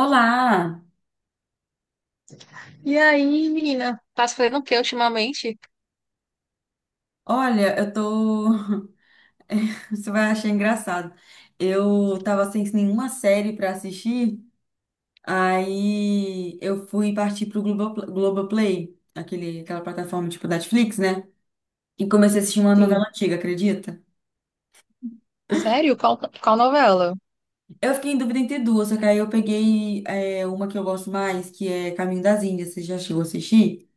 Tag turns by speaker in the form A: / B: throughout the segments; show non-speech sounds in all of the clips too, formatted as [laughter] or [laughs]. A: Olá!
B: E aí, menina? Tá se fazendo o que ultimamente?
A: Olha, eu tô. [laughs] Você vai achar engraçado. Eu tava sem nenhuma série pra assistir, aí eu fui partir pro Globoplay, aquela plataforma tipo Netflix, né? E comecei a assistir uma
B: Sim.
A: novela antiga, acredita?
B: Sério? Qual novela?
A: Eu fiquei em dúvida entre duas, só que aí eu peguei uma que eu gosto mais, que é Caminho das Índias. Você já chegou a assistir?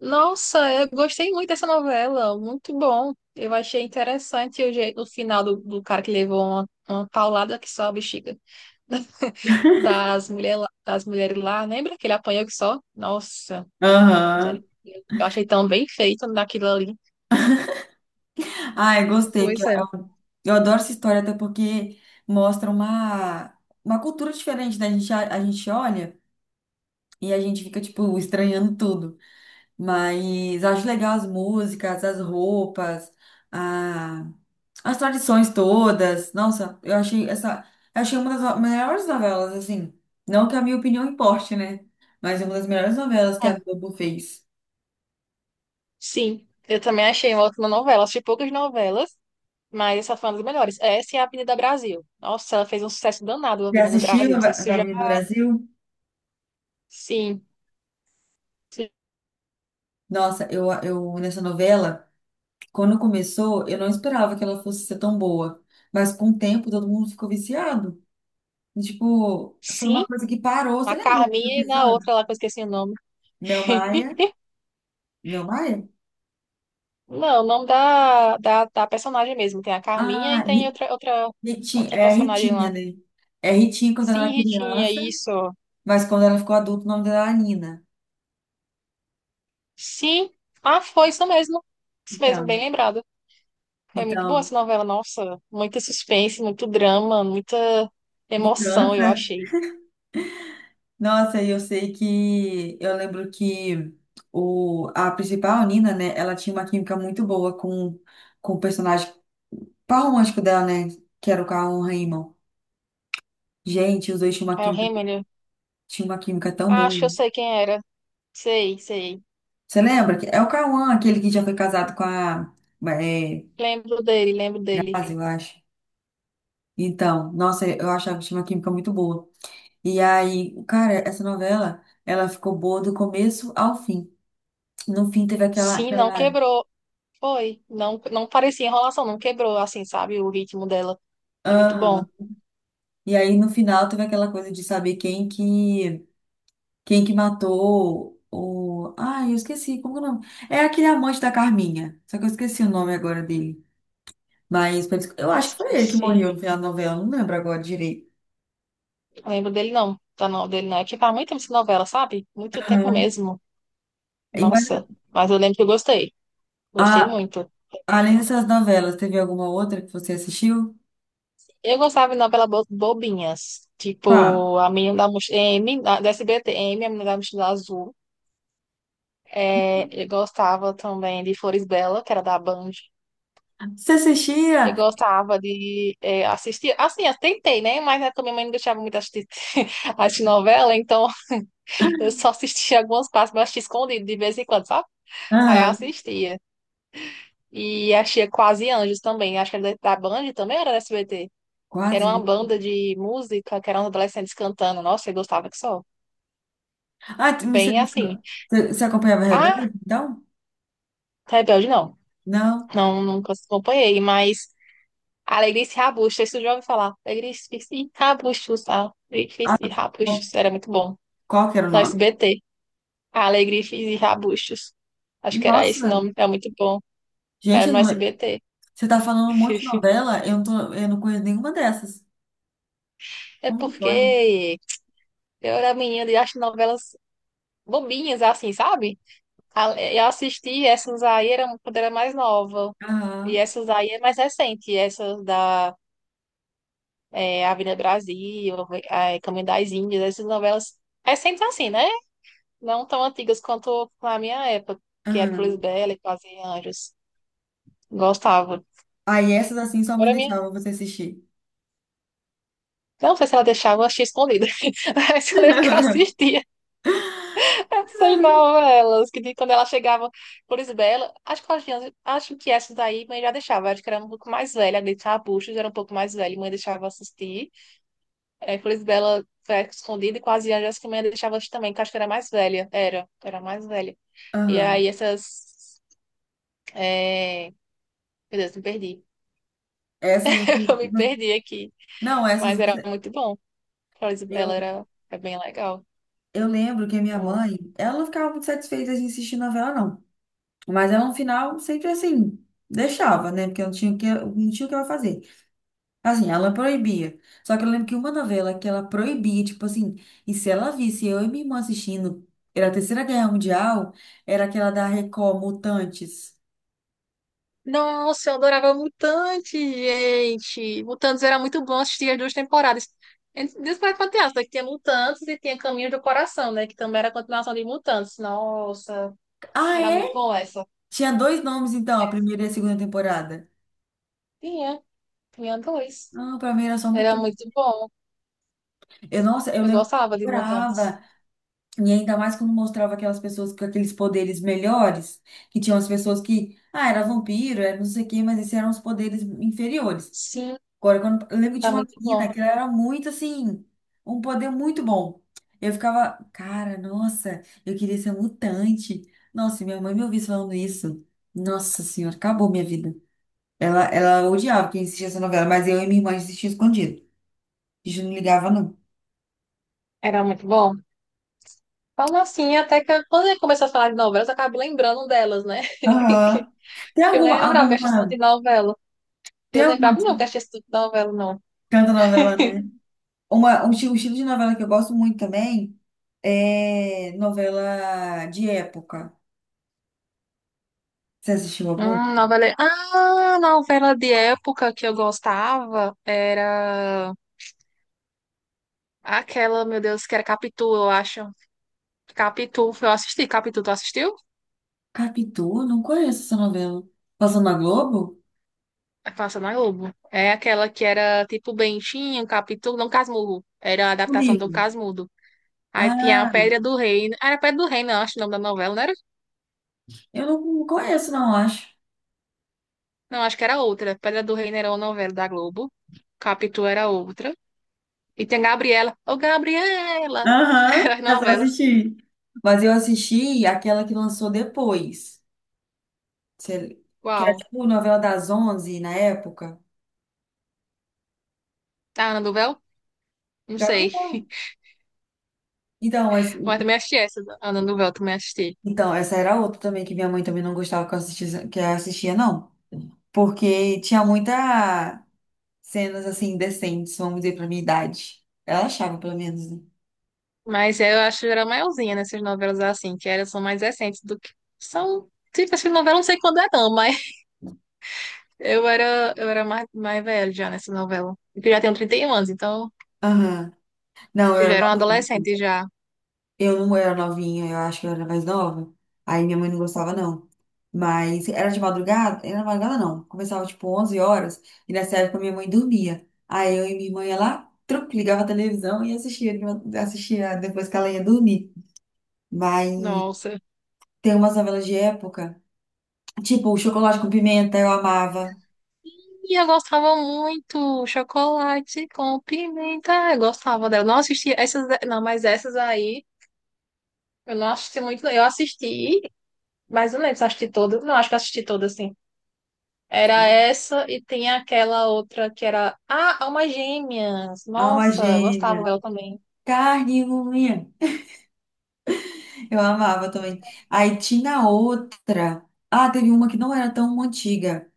B: Nossa, eu gostei muito dessa novela. Muito bom. Eu achei interessante o, jeito, o final do cara que levou uma paulada que só a bexiga. [laughs] Das, mulher, lá- das mulheres lá. Lembra que ele apanhou que só? Nossa,
A: Aham.
B: misericórdia. Eu achei tão bem feito naquilo ali.
A: Ai, gostei, que
B: Pois
A: eu,
B: é.
A: eu, adoro essa história, até porque mostra uma cultura diferente, né? A gente olha, e a gente fica, tipo, estranhando tudo. Mas acho legal as músicas, as roupas, a, as tradições todas. Nossa, eu achei essa. Eu achei uma das melhores novelas, assim. Não que a minha opinião importe, né? Mas é uma das melhores novelas que a
B: Hum,
A: Globo fez.
B: Sim, eu também achei uma ótima novela. Assisti poucas novelas. Mas essa foi uma das melhores. Essa é a Avenida Brasil. Nossa, ela fez um sucesso danado, a
A: Já
B: Avenida Brasil.
A: assistiu a
B: Não sei se você já.
A: Varinha do Brasil?
B: Sim.
A: Nossa, eu nessa novela. Quando começou, eu não esperava que ela fosse ser tão boa. Mas com o tempo, todo mundo ficou viciado. E, tipo, foi uma
B: Sim,
A: coisa que parou. Você
B: a
A: lembra do
B: Carminha e na
A: episódio?
B: outra lá que eu esqueci o nome.
A: Mel Maia. Mel Maia?
B: Não, o nome da personagem mesmo. Tem a Carminha e
A: Ah,
B: tem
A: Ri-
B: outra, outra,
A: Ritinha.
B: outra
A: É
B: personagem lá.
A: Ritinha, né? É Ritinha quando ela
B: Sim,
A: era
B: Ritinha,
A: criança,
B: isso.
A: mas quando ela ficou adulta, o nome dela era Nina.
B: Sim. Ah, foi isso mesmo. Isso mesmo, bem
A: Então,
B: lembrado. Foi muito boa
A: então,
B: essa novela, nossa. Muita suspense, muito drama, muita emoção, eu
A: vingança.
B: achei.
A: Nossa, e eu sei que… Eu lembro que a principal, Nina, né? Ela tinha uma química muito boa com o personagem, par romântico dela, né? Que era o Cauã Raymond. Gente, os dois tinham uma
B: É o
A: química,
B: Remember.
A: tinham uma química tão
B: Ah, acho que
A: boa.
B: eu sei quem era. Sei, sei.
A: Você lembra? Que É o Cauã, aquele que já foi casado com a é,
B: Lembro dele, lembro dele.
A: Grazi, eu acho. Então, nossa, eu achava que tinha uma química muito boa. E aí, cara, essa novela, ela ficou boa do começo ao fim. No fim teve aquela,
B: Sim, não
A: aquela...
B: quebrou. Foi. Não, não parecia enrolação, não quebrou, assim, sabe? O ritmo dela. É muito bom.
A: Aham. E aí, no final, teve aquela coisa de saber quem que matou o. ah eu esqueci. Como que é o nome? É aquele amante da Carminha. Só que eu esqueci o nome agora dele. Mas eu acho que foi ele que
B: Esqueci.
A: morreu no final da novela, não lembro agora direito.
B: Lembro dele, não. Tá, não, dele não. É que faz muito tempo essa novela, sabe? Muito tempo
A: Aham.
B: mesmo.
A: E, mas,
B: Nossa. Mas eu lembro que eu gostei. Gostei
A: a-
B: muito.
A: além dessas novelas, teve alguma outra que você assistiu?
B: Eu gostava de novela bobinhas.
A: Qual?
B: Tipo, A Menina da Mochila... M, da SBT, M, A Menina da Mochila Azul. É, eu gostava também de Flores Bela, que era da Band.
A: Você
B: Eu
A: assistia?
B: gostava de assistir. Assim, eu tentei, né? Mas né, também minha mãe não deixava muito assistir, [laughs] assistir novela, então eu só assistia algumas partes, mas assistia escondido de vez em quando, sabe? Aí eu
A: Aham.
B: assistia. E achei Quase Anjos também. Acho que era da Band também, ou era da SBT. Que era
A: Quase.
B: uma banda de música, que eram os adolescentes cantando. Nossa, eu gostava que só.
A: Você,
B: Bem assim.
A: você acompanhava
B: Ah,
A: Rebelde, então?
B: Rebelde não.
A: Não.
B: Não, nunca acompanhei, mas Alegria e Rabuxa, isso eu já ouvi falar. Alegria
A: Ah,
B: e
A: bom,
B: Rabuxa, era muito bom.
A: qual que era o
B: No
A: nome?
B: SBT. A Alegria e Rabustos. Acho que era esse
A: Nossa,
B: nome, é muito bom. Era
A: gente, eu
B: no
A: não,
B: SBT.
A: você tá falando um monte de
B: [laughs]
A: novela, eu não conheço nenhuma dessas.
B: É
A: Como que pode?
B: porque eu era menina e acho novelas bobinhas, assim, sabe? A- Eu assisti essas aí eram quando era mais nova. E
A: Aham,
B: essas aí é mais recente. Essas da Avenida Brasil, Caminho das Índias, essas novelas recentes assim, né? Não tão antigas quanto na minha época, que era Flores
A: aham.
B: Bela e Quase Anjos. Gostava.
A: Aí essas assim sua mãe
B: Agora
A: deixava você assistir.
B: não sei se ela deixava, eu achei escondida. [laughs] Mas eu lembro que eu
A: [laughs]
B: assistia [laughs] essas novelas, que de- quando ela chegava, por Isabela, acho que, elas tinham- acho que essas daí mãe já deixava, acho que era um pouco mais velha, a Gretchen Arbustos era um pouco mais velha, e mãe deixava assistir. É, por Isabela foi escondida e quase anjos que mãe deixava assistir também, que acho que era mais velha, era mais velha. E
A: Aham.
B: aí essas... é, Meu Deus, me perdi.
A: Essas.
B: [laughs] Eu me perdi aqui,
A: Não, essas
B: mas era
A: você.
B: muito bom. Flor Isabela
A: Eu,
B: era, é bem legal.
A: eu lembro que a minha
B: Pô,
A: mãe, ela não ficava muito satisfeita de assistir novela, não. Mas ela no final sempre assim, deixava, né? Porque eu não tinha o que, eu não tinha o que ela fazer. Assim, ela proibia. Só que eu lembro que uma novela que ela proibia, tipo assim, e se ela visse eu e minha irmã assistindo, era a Terceira Guerra Mundial, era aquela da Record, Mutantes.
B: nossa, eu adorava Mutantes, gente. Mutantes era muito bom assistir as duas temporadas. Despertar Fantasma, que tinha Mutantes e tinha Caminho do Coração, né? Que também era a continuação de Mutantes. Nossa,
A: Ah,
B: era
A: é?
B: muito bom essa.
A: Tinha dois nomes, então, a
B: Essa
A: primeira e a segunda temporada.
B: tinha, tinha dois.
A: Não, pra mim era só
B: Era
A: Mutante.
B: muito bom.
A: Nossa, eu
B: Eu
A: lembro que
B: gostava
A: eu
B: de Mutantes.
A: adorava. E ainda mais quando mostrava aquelas pessoas com aqueles poderes melhores, que tinham as pessoas que, era vampiro, era não sei o quê, mas esses eram os poderes inferiores.
B: Sim,
A: Agora, eu lembro que
B: tá
A: tinha uma
B: muito bom.
A: menina que ela era muito assim, um poder muito bom. Eu ficava, cara, nossa, eu queria ser mutante. Nossa, e minha mãe me ouvisse falando isso. Nossa senhora, acabou minha vida. Ela odiava que eu assistia essa novela, mas eu e minha irmã assistia escondido. A gente não ligava, não.
B: Era muito bom. Falando assim, até que eu- quando eu começou a falar de novelas, eu acabo lembrando delas, né? [laughs]
A: Aham. Tem
B: Que eu
A: alguma,
B: lembrava que eu assistia de
A: alguma,
B: novela.
A: tem
B: Eu
A: alguma
B: lembrava,
A: que
B: não, que eu assistia de novela, não.
A: canta novela, né? Um estilo de novela que eu gosto muito também é novela de época. Você assistiu algum?
B: Novela... Ah, novela de época que eu gostava era aquela, meu Deus, que era Capitu, eu acho. Capitu, eu assisti. Capitu, tu assistiu?
A: Capitu? Não conheço essa novela. Passando na Globo?
B: É que Passa na Globo. É aquela que era tipo Bentinho, Capitu, não Casmurro. Era a
A: O
B: adaptação do
A: livro.
B: Casmudo. Aí tinha a
A: Ah,
B: Pedra do Reino. Ah, era Pedra do Reino, eu acho o nome da novela, não era?
A: eu não conheço, não, acho.
B: Não, acho que era outra. Pedra do Reino era uma novela da Globo. Capitu era outra. E tem a Gabriela. Ô, Gabriela!
A: Aham,
B: [laughs] As
A: é só
B: novelas.
A: assistir. Mas eu assisti aquela que lançou depois. Cê- Que era
B: Uau.
A: tipo novela das 11 na época.
B: Tá, Ana do... Não sei.
A: Gabriela.
B: [laughs]
A: Então, mas,
B: Mas também assisti essa Ana do Véu, também assisti.
A: então, essa era outra também que minha mãe também não gostava que eu assistia, não. Porque tinha muita cenas assim indecentes, vamos dizer, pra minha idade. Ela achava, pelo menos, né?
B: Mas é, eu acho que era maiorzinha nessas novelas assim, que elas são mais recentes do que são. Tipo, essa novela eu não sei quando é não, mas [laughs] eu era mais velha já nessa novela. Porque eu já tenho 31 anos, então
A: Aham. Não,
B: acho
A: eu
B: que já
A: era
B: era um
A: nova.
B: adolescente já.
A: Eu não era novinha, eu acho que eu era mais nova. Aí minha mãe não gostava, não. Mas era de madrugada? Era de madrugada, não. Começava tipo 11 horas e nessa época minha mãe dormia. Aí eu e minha irmã ia lá, truc, ligava a televisão e assistia, assistia depois que ela ia dormir. Mas
B: Nossa.
A: tem umas novelas de época, tipo o Chocolate com Pimenta, eu amava.
B: E eu gostava muito. Chocolate com pimenta. Eu gostava dela. Não assisti essas, não, mas essas aí eu não assisti muito. Não. Eu assisti, mas eu não lembro se eu assisti todas. Não, acho que eu assisti todas, era essa e tem aquela outra que era. Ah, Almas Gêmeas!
A: Alma
B: Nossa, eu
A: Gêmea,
B: gostava dela também.
A: Carne e Unha, eu amava também. Aí tinha outra. Ah, teve uma que não era tão antiga.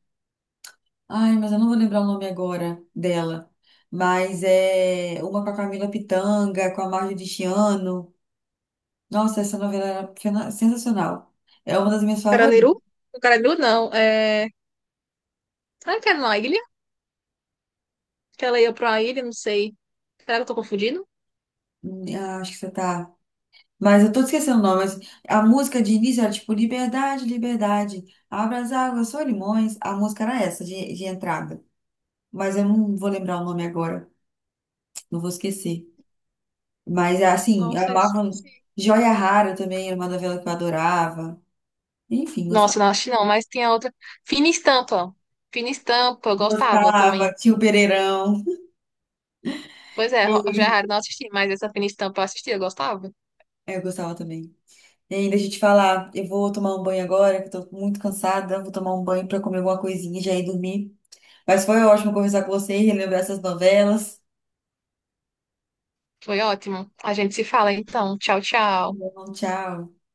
A: Ai, mas eu não vou lembrar o nome agora dela. Mas é uma com a Camila Pitanga, com a Marjorie Chiano. Nossa, essa novela era sensacional. É uma das minhas
B: Carandiru?
A: favoritas.
B: O Carandiru não. É... Será que era na ilha? Que ela ia pra uma ilha, não sei. Será que eu tô confundindo?
A: Acho que você tá. Mas eu tô esquecendo o nome. Mas a música de início era tipo Liberdade, Liberdade. Abra as águas, só limões. A música era essa de entrada. Mas eu não vou lembrar o nome agora. Não vou esquecer. Mas assim,
B: Não
A: eu
B: sei.
A: amava.
B: Se-
A: Joia Rara também era uma novela que eu adorava. Enfim,
B: nossa,
A: gostava.
B: não acho que não, mas tem a outra. Fina Estampa. Fina Estampa, eu gostava
A: Gostava,
B: também.
A: tio Pereirão.
B: Pois é, Ro- já é
A: Ei.
B: raro não assisti, mas essa Fina Estampa eu assisti, eu gostava.
A: É, eu gostava também. Ei, deixa eu te falar, eu vou tomar um banho agora, que eu tô muito cansada. Vou tomar um banho pra comer alguma coisinha e já ir dormir. Mas foi ótimo conversar com você e relembrar essas novelas.
B: Foi ótimo. A gente se fala então. Tchau,
A: Tá
B: tchau.
A: bom, tchau.